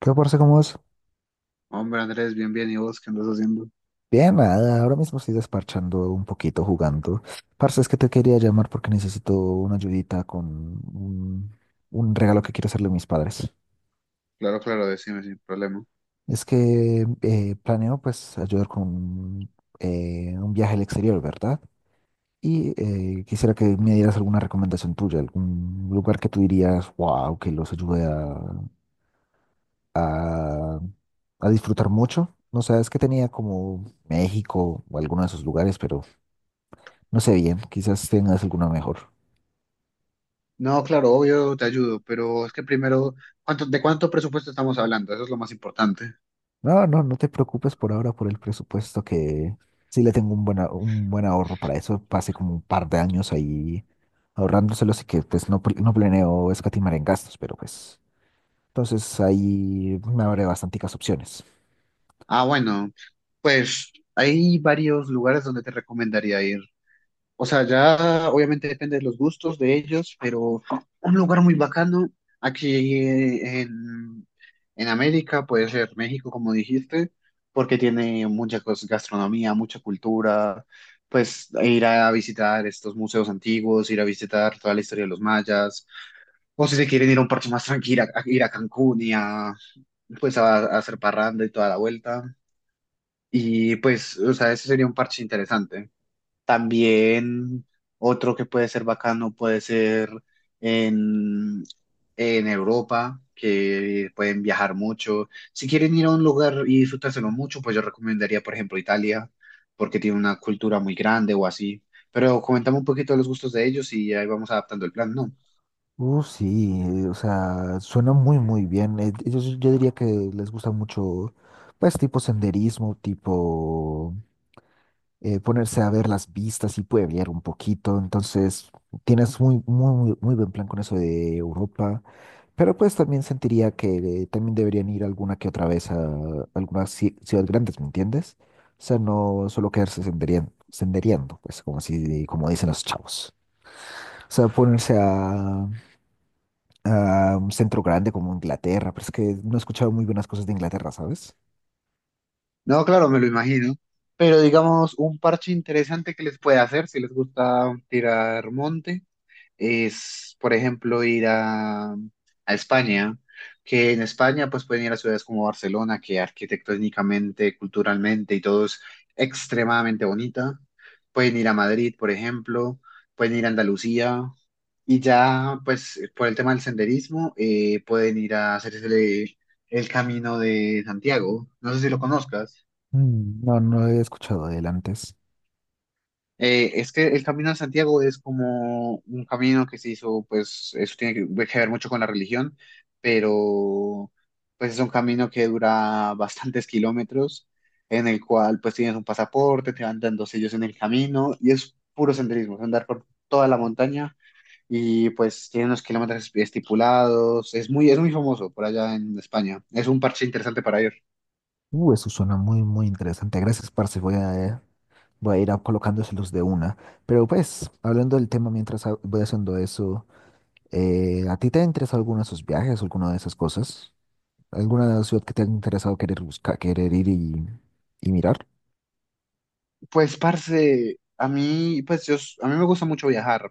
¿Qué, parce, cómo es? Hombre, Andrés, bien, bien, ¿y vos qué andas haciendo? Bien, nada, ahora mismo estoy desparchando un poquito jugando. Parce, es que te quería llamar porque necesito una ayudita con un, un regalo que quiero hacerle a mis padres. Claro, claro, decime sin problema. Es que planeo, pues, ayudar con un viaje al exterior, ¿verdad? Y quisiera que me dieras alguna recomendación tuya, algún lugar que tú dirías, wow, que los ayude a, a disfrutar mucho. No sé, es que tenía como México o alguno de esos lugares, pero... No sé bien, quizás tengas alguna mejor. No, claro, obvio, te ayudo, pero es que primero, ¿cuánto, de cuánto presupuesto estamos hablando? Eso es lo más importante. No, no, no te preocupes por ahora por el presupuesto, que sí le tengo un buen, un buen ahorro para eso. Pasé como un par de años ahí ahorrándoselo, así que pues no, no planeo escatimar en gastos, pero pues entonces ahí me abre bastanticas opciones. Ah, bueno, pues hay varios lugares donde te recomendaría ir. O sea, ya obviamente depende de los gustos de ellos, pero un lugar muy bacano aquí en América puede ser México, como dijiste, porque tiene gastronomía, mucha cultura, pues e ir a visitar estos museos antiguos, ir a visitar toda la historia de los mayas, o si se quieren ir a un parche más tranquilo, a ir a Cancún y a, pues a hacer parranda y toda la vuelta. Y pues, o sea, ese sería un parche interesante. También otro que puede ser bacano puede ser en, en Europa, que pueden viajar mucho. Si quieren ir a un lugar y disfrutárselo mucho, pues yo recomendaría, por ejemplo, Italia, porque tiene una cultura muy grande o así. Pero comentame un poquito de los gustos de ellos y ahí vamos adaptando el plan, ¿no? Sí, o sea, suena muy, muy bien. Ellos, yo diría que les gusta mucho, pues, tipo senderismo, tipo ponerse a ver las vistas y pueblear un poquito. Entonces, tienes muy, muy, muy buen plan con eso de Europa. Pero pues también sentiría que también deberían ir alguna que otra vez a algunas ciudades grandes, ¿me entiendes? O sea, no solo quedarse sendereando, pues como así, como dicen los chavos. O sea, ponerse a un centro grande como Inglaterra, pero es que no he escuchado muy buenas cosas de Inglaterra, ¿sabes? No, claro, me lo imagino. Pero digamos, un parche interesante que les puede hacer si les gusta tirar monte es, por ejemplo, ir a España, que en España pues pueden ir a ciudades como Barcelona, que arquitectónicamente, culturalmente y todo es extremadamente bonita. Pueden ir a Madrid, por ejemplo, pueden ir a Andalucía y ya pues por el tema del senderismo pueden ir a hacerse el Camino de Santiago. No sé si lo conozcas. Mm. No, no he escuchado de él antes. Es que el Camino de Santiago es como un camino que se hizo, pues eso tiene que ver mucho con la religión, pero pues es un camino que dura bastantes kilómetros, en el cual pues tienes un pasaporte, te van dando sellos en el camino y es puro senderismo, es andar por toda la montaña y pues tiene unos kilómetros estipulados, es muy famoso por allá en España, es un parche interesante para ir. Eso suena muy, muy interesante. Gracias, parce. Voy a ir a colocándoselos de una. Pero pues, hablando del tema mientras voy haciendo eso, ¿a ti te ha interesado alguno de esos viajes, alguna de esas cosas? ¿Alguna ciudad que te ha interesado querer buscar, querer ir y mirar? Pues, parce, a mí, pues yo, a mí me gusta mucho viajar,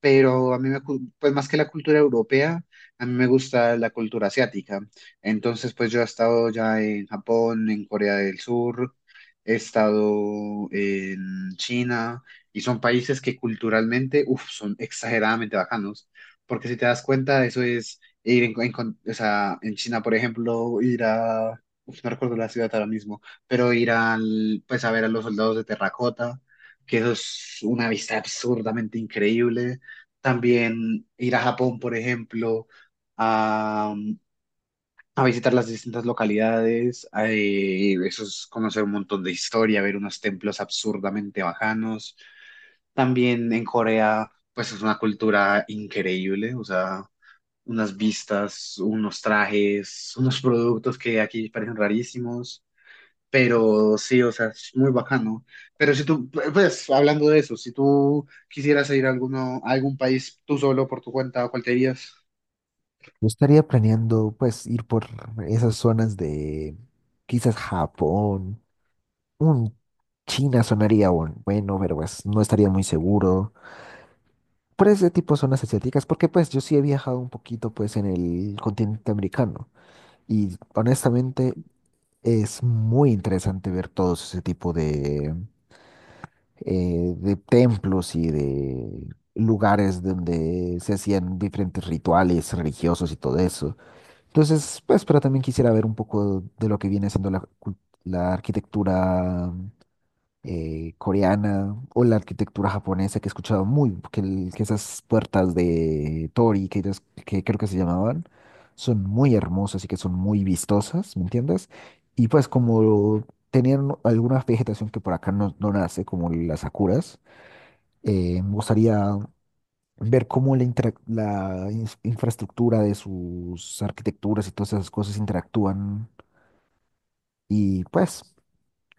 pero a mí pues más que la cultura europea, a mí me gusta la cultura asiática. Entonces, pues yo he estado ya en Japón, en Corea del Sur, he estado en China, y son países que culturalmente, uf, son exageradamente bacanos, porque si te das cuenta, eso es ir o sea, en China, por ejemplo, ir a, uf, no recuerdo la ciudad ahora mismo, pero ir al, pues a ver a los soldados de terracota, que eso es una vista absurdamente increíble. También ir a Japón, por ejemplo, a, a visitar las distintas localidades, a, eso es conocer un montón de historia, ver unos templos absurdamente bajanos. También en Corea, pues es una cultura increíble, o sea, unas vistas, unos trajes, unos productos que aquí parecen rarísimos. Pero sí, o sea, es muy bacano. Pero si tú, pues, hablando de eso, si tú quisieras ir a, alguno, a algún país tú solo por tu cuenta, ¿cuál te irías? Yo estaría planeando, pues, ir por esas zonas de quizás Japón, un China sonaría bueno, pero pues no estaría muy seguro por ese tipo de zonas asiáticas, porque pues yo sí he viajado un poquito, pues, en el continente americano, y honestamente es muy interesante ver todo ese tipo de templos y de lugares donde se hacían diferentes rituales religiosos y todo eso. Entonces, pues, pero también quisiera ver un poco de lo que viene siendo la arquitectura coreana, o la arquitectura japonesa, que he escuchado muy, que, que esas puertas de Tori, que, que creo que se llamaban, son muy hermosas y que son muy vistosas, ¿me entiendes? Y pues como tenían alguna vegetación que por acá no, no nace, como las sakuras, me gustaría ver cómo la infraestructura de sus arquitecturas y todas esas cosas interactúan, y pues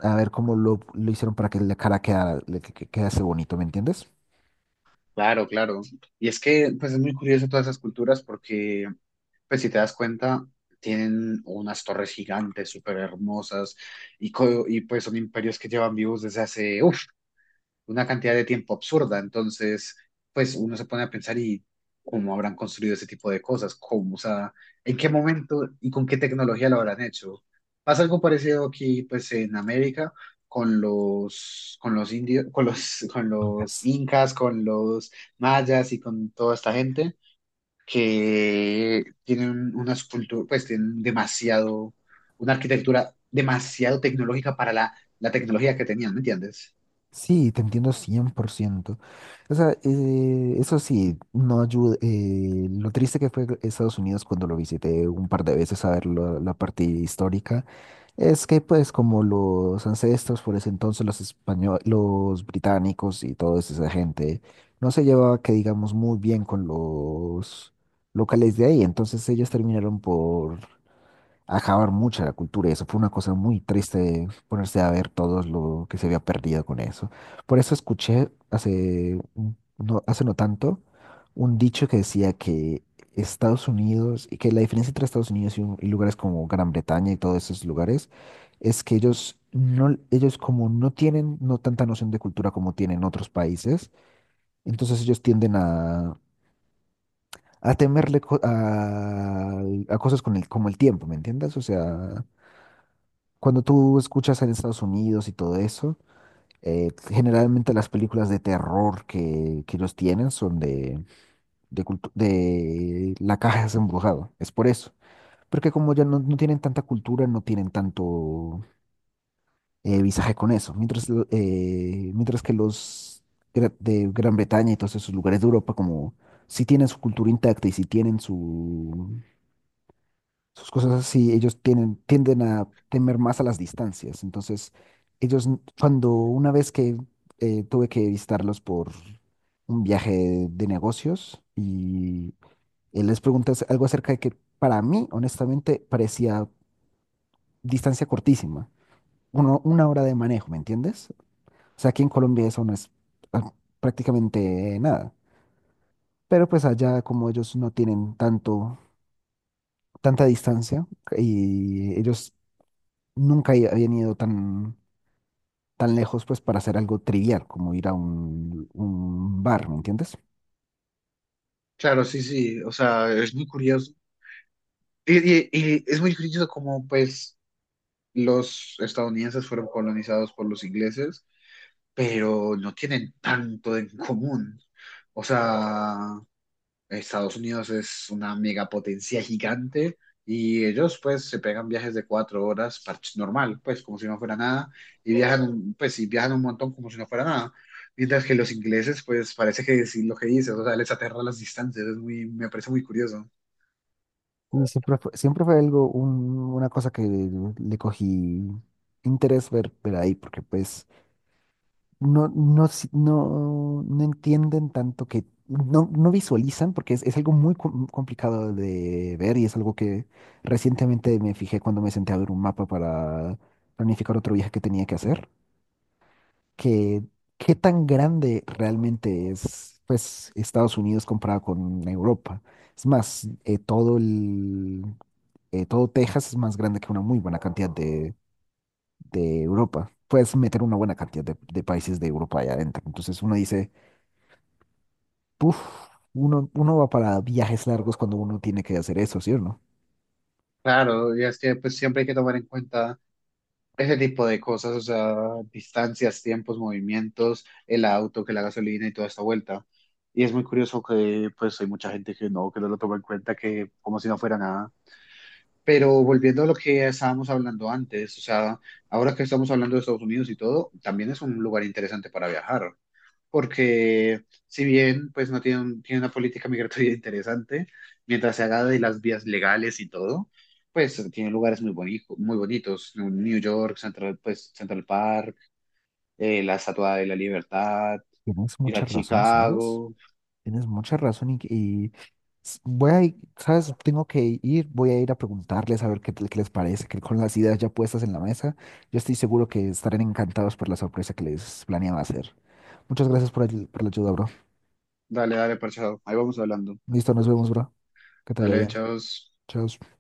a ver cómo lo hicieron para que la cara quedara, que quedase bonito, ¿me entiendes? Claro, claro. Y es que, pues, es muy curioso todas esas culturas porque, pues, si te das cuenta, tienen unas torres gigantes, súper hermosas, y, pues son imperios que llevan vivos desde hace, uff, una cantidad de tiempo absurda. Entonces, pues uno se pone a pensar y cómo habrán construido ese tipo de cosas, cómo, o sea, en qué momento y con qué tecnología lo habrán hecho. Pasa algo parecido aquí, pues, en América con con los indios, con con Nunca. los incas, con los mayas y con toda esta gente que tienen una escultura, pues tienen demasiado, una arquitectura demasiado tecnológica para la, la tecnología que tenían, ¿me entiendes? Sí, te entiendo cien por ciento. O sea, eso sí, no ayuda, lo triste que fue Estados Unidos cuando lo visité un par de veces a ver la la parte histórica. Es que pues como los ancestros por ese entonces, los españoles, los británicos y toda esa gente, no se llevaba que digamos muy bien con los locales de ahí, entonces ellos terminaron por acabar mucho la cultura, y eso fue una cosa muy triste ponerse a ver todo lo que se había perdido con eso. Por eso escuché hace no, hace no tanto, un dicho que decía que Estados Unidos, y que la diferencia entre Estados Unidos y, y lugares como Gran Bretaña y todos esos lugares, es que ellos no, ellos como no tienen no tanta noción de cultura como tienen otros países, entonces ellos tienden a temerle a cosas con el, como el tiempo, ¿me entiendes? O sea, cuando tú escuchas en Estados Unidos y todo eso, generalmente las películas de terror que los tienen son de, de la caja es embrujado. Es por eso. Porque como ya no, no tienen tanta cultura, no tienen tanto visaje con eso. Mientras, mientras que los de Gran Bretaña y todos esos lugares de Europa, como sí tienen su cultura intacta y sí tienen sus cosas así, ellos tienen, tienden a temer más a las distancias. Entonces, ellos, cuando una vez que tuve que visitarlos por un viaje de negocios, y les pregunté algo acerca de que, para mí, honestamente, parecía distancia cortísima, uno, una hora de manejo, ¿me entiendes? O sea, aquí en Colombia eso no es ah, prácticamente nada. Pero pues allá como ellos no tienen tanto, tanta distancia, y ellos nunca habían ido tan, tan lejos pues para hacer algo trivial como ir a un bar, ¿me entiendes? Claro, sí, sí, o sea, es muy curioso. Y es muy curioso cómo, pues, los estadounidenses fueron colonizados por los ingleses, pero no tienen tanto en común. O sea, Estados Unidos es una megapotencia gigante y ellos, pues, se pegan viajes de 4 horas, normal, pues, como si no fuera nada, y pues, y viajan un montón como si no fuera nada. Mientras que los ingleses, pues, parece que sí lo que dices, o sea, les aterra las distancias, es muy, me parece muy curioso. Y siempre fue algo, una cosa que le cogí interés ver, ver ahí, porque pues no, no, no, no entienden tanto que, no, no visualizan, porque es algo muy complicado de ver, y es algo que recientemente me fijé cuando me senté a ver un mapa para planificar otro viaje que tenía que hacer, que qué tan grande realmente es pues Estados Unidos comparado con Europa. Es más, todo el, todo Texas es más grande que una muy buena cantidad de Europa. Puedes meter una buena cantidad de países de Europa allá adentro. Entonces uno dice, puff, uno, uno va para viajes largos cuando uno tiene que hacer eso, ¿sí o no? Claro, y es que pues siempre hay que tomar en cuenta ese tipo de cosas, o sea, distancias, tiempos, movimientos, el auto, que la gasolina y toda esta vuelta. Y es muy curioso que pues hay mucha gente que no lo toma en cuenta, que como si no fuera nada. Pero volviendo a lo que estábamos hablando antes, o sea, ahora que estamos hablando de Estados Unidos y todo, también es un lugar interesante para viajar porque si bien pues no tiene, un- tiene una política migratoria interesante, mientras se haga de las vías legales y todo, pues tiene lugares muy bonitos, ¿no? New York, pues, Central Park, la Estatua de la Libertad, Tienes ir mucha a razón, ¿sabes? Chicago, Tienes mucha razón y, voy a ir, ¿sabes? Tengo que ir, voy a ir a preguntarles a ver qué, qué les parece, que con las ideas ya puestas en la mesa, yo estoy seguro que estarán encantados por la sorpresa que les planeaba hacer. Muchas gracias por, por la ayuda, bro. dale, dale, parchado, ahí vamos hablando, Listo, nos vemos, bro. Que te vaya dale, bien. chavos. Chao.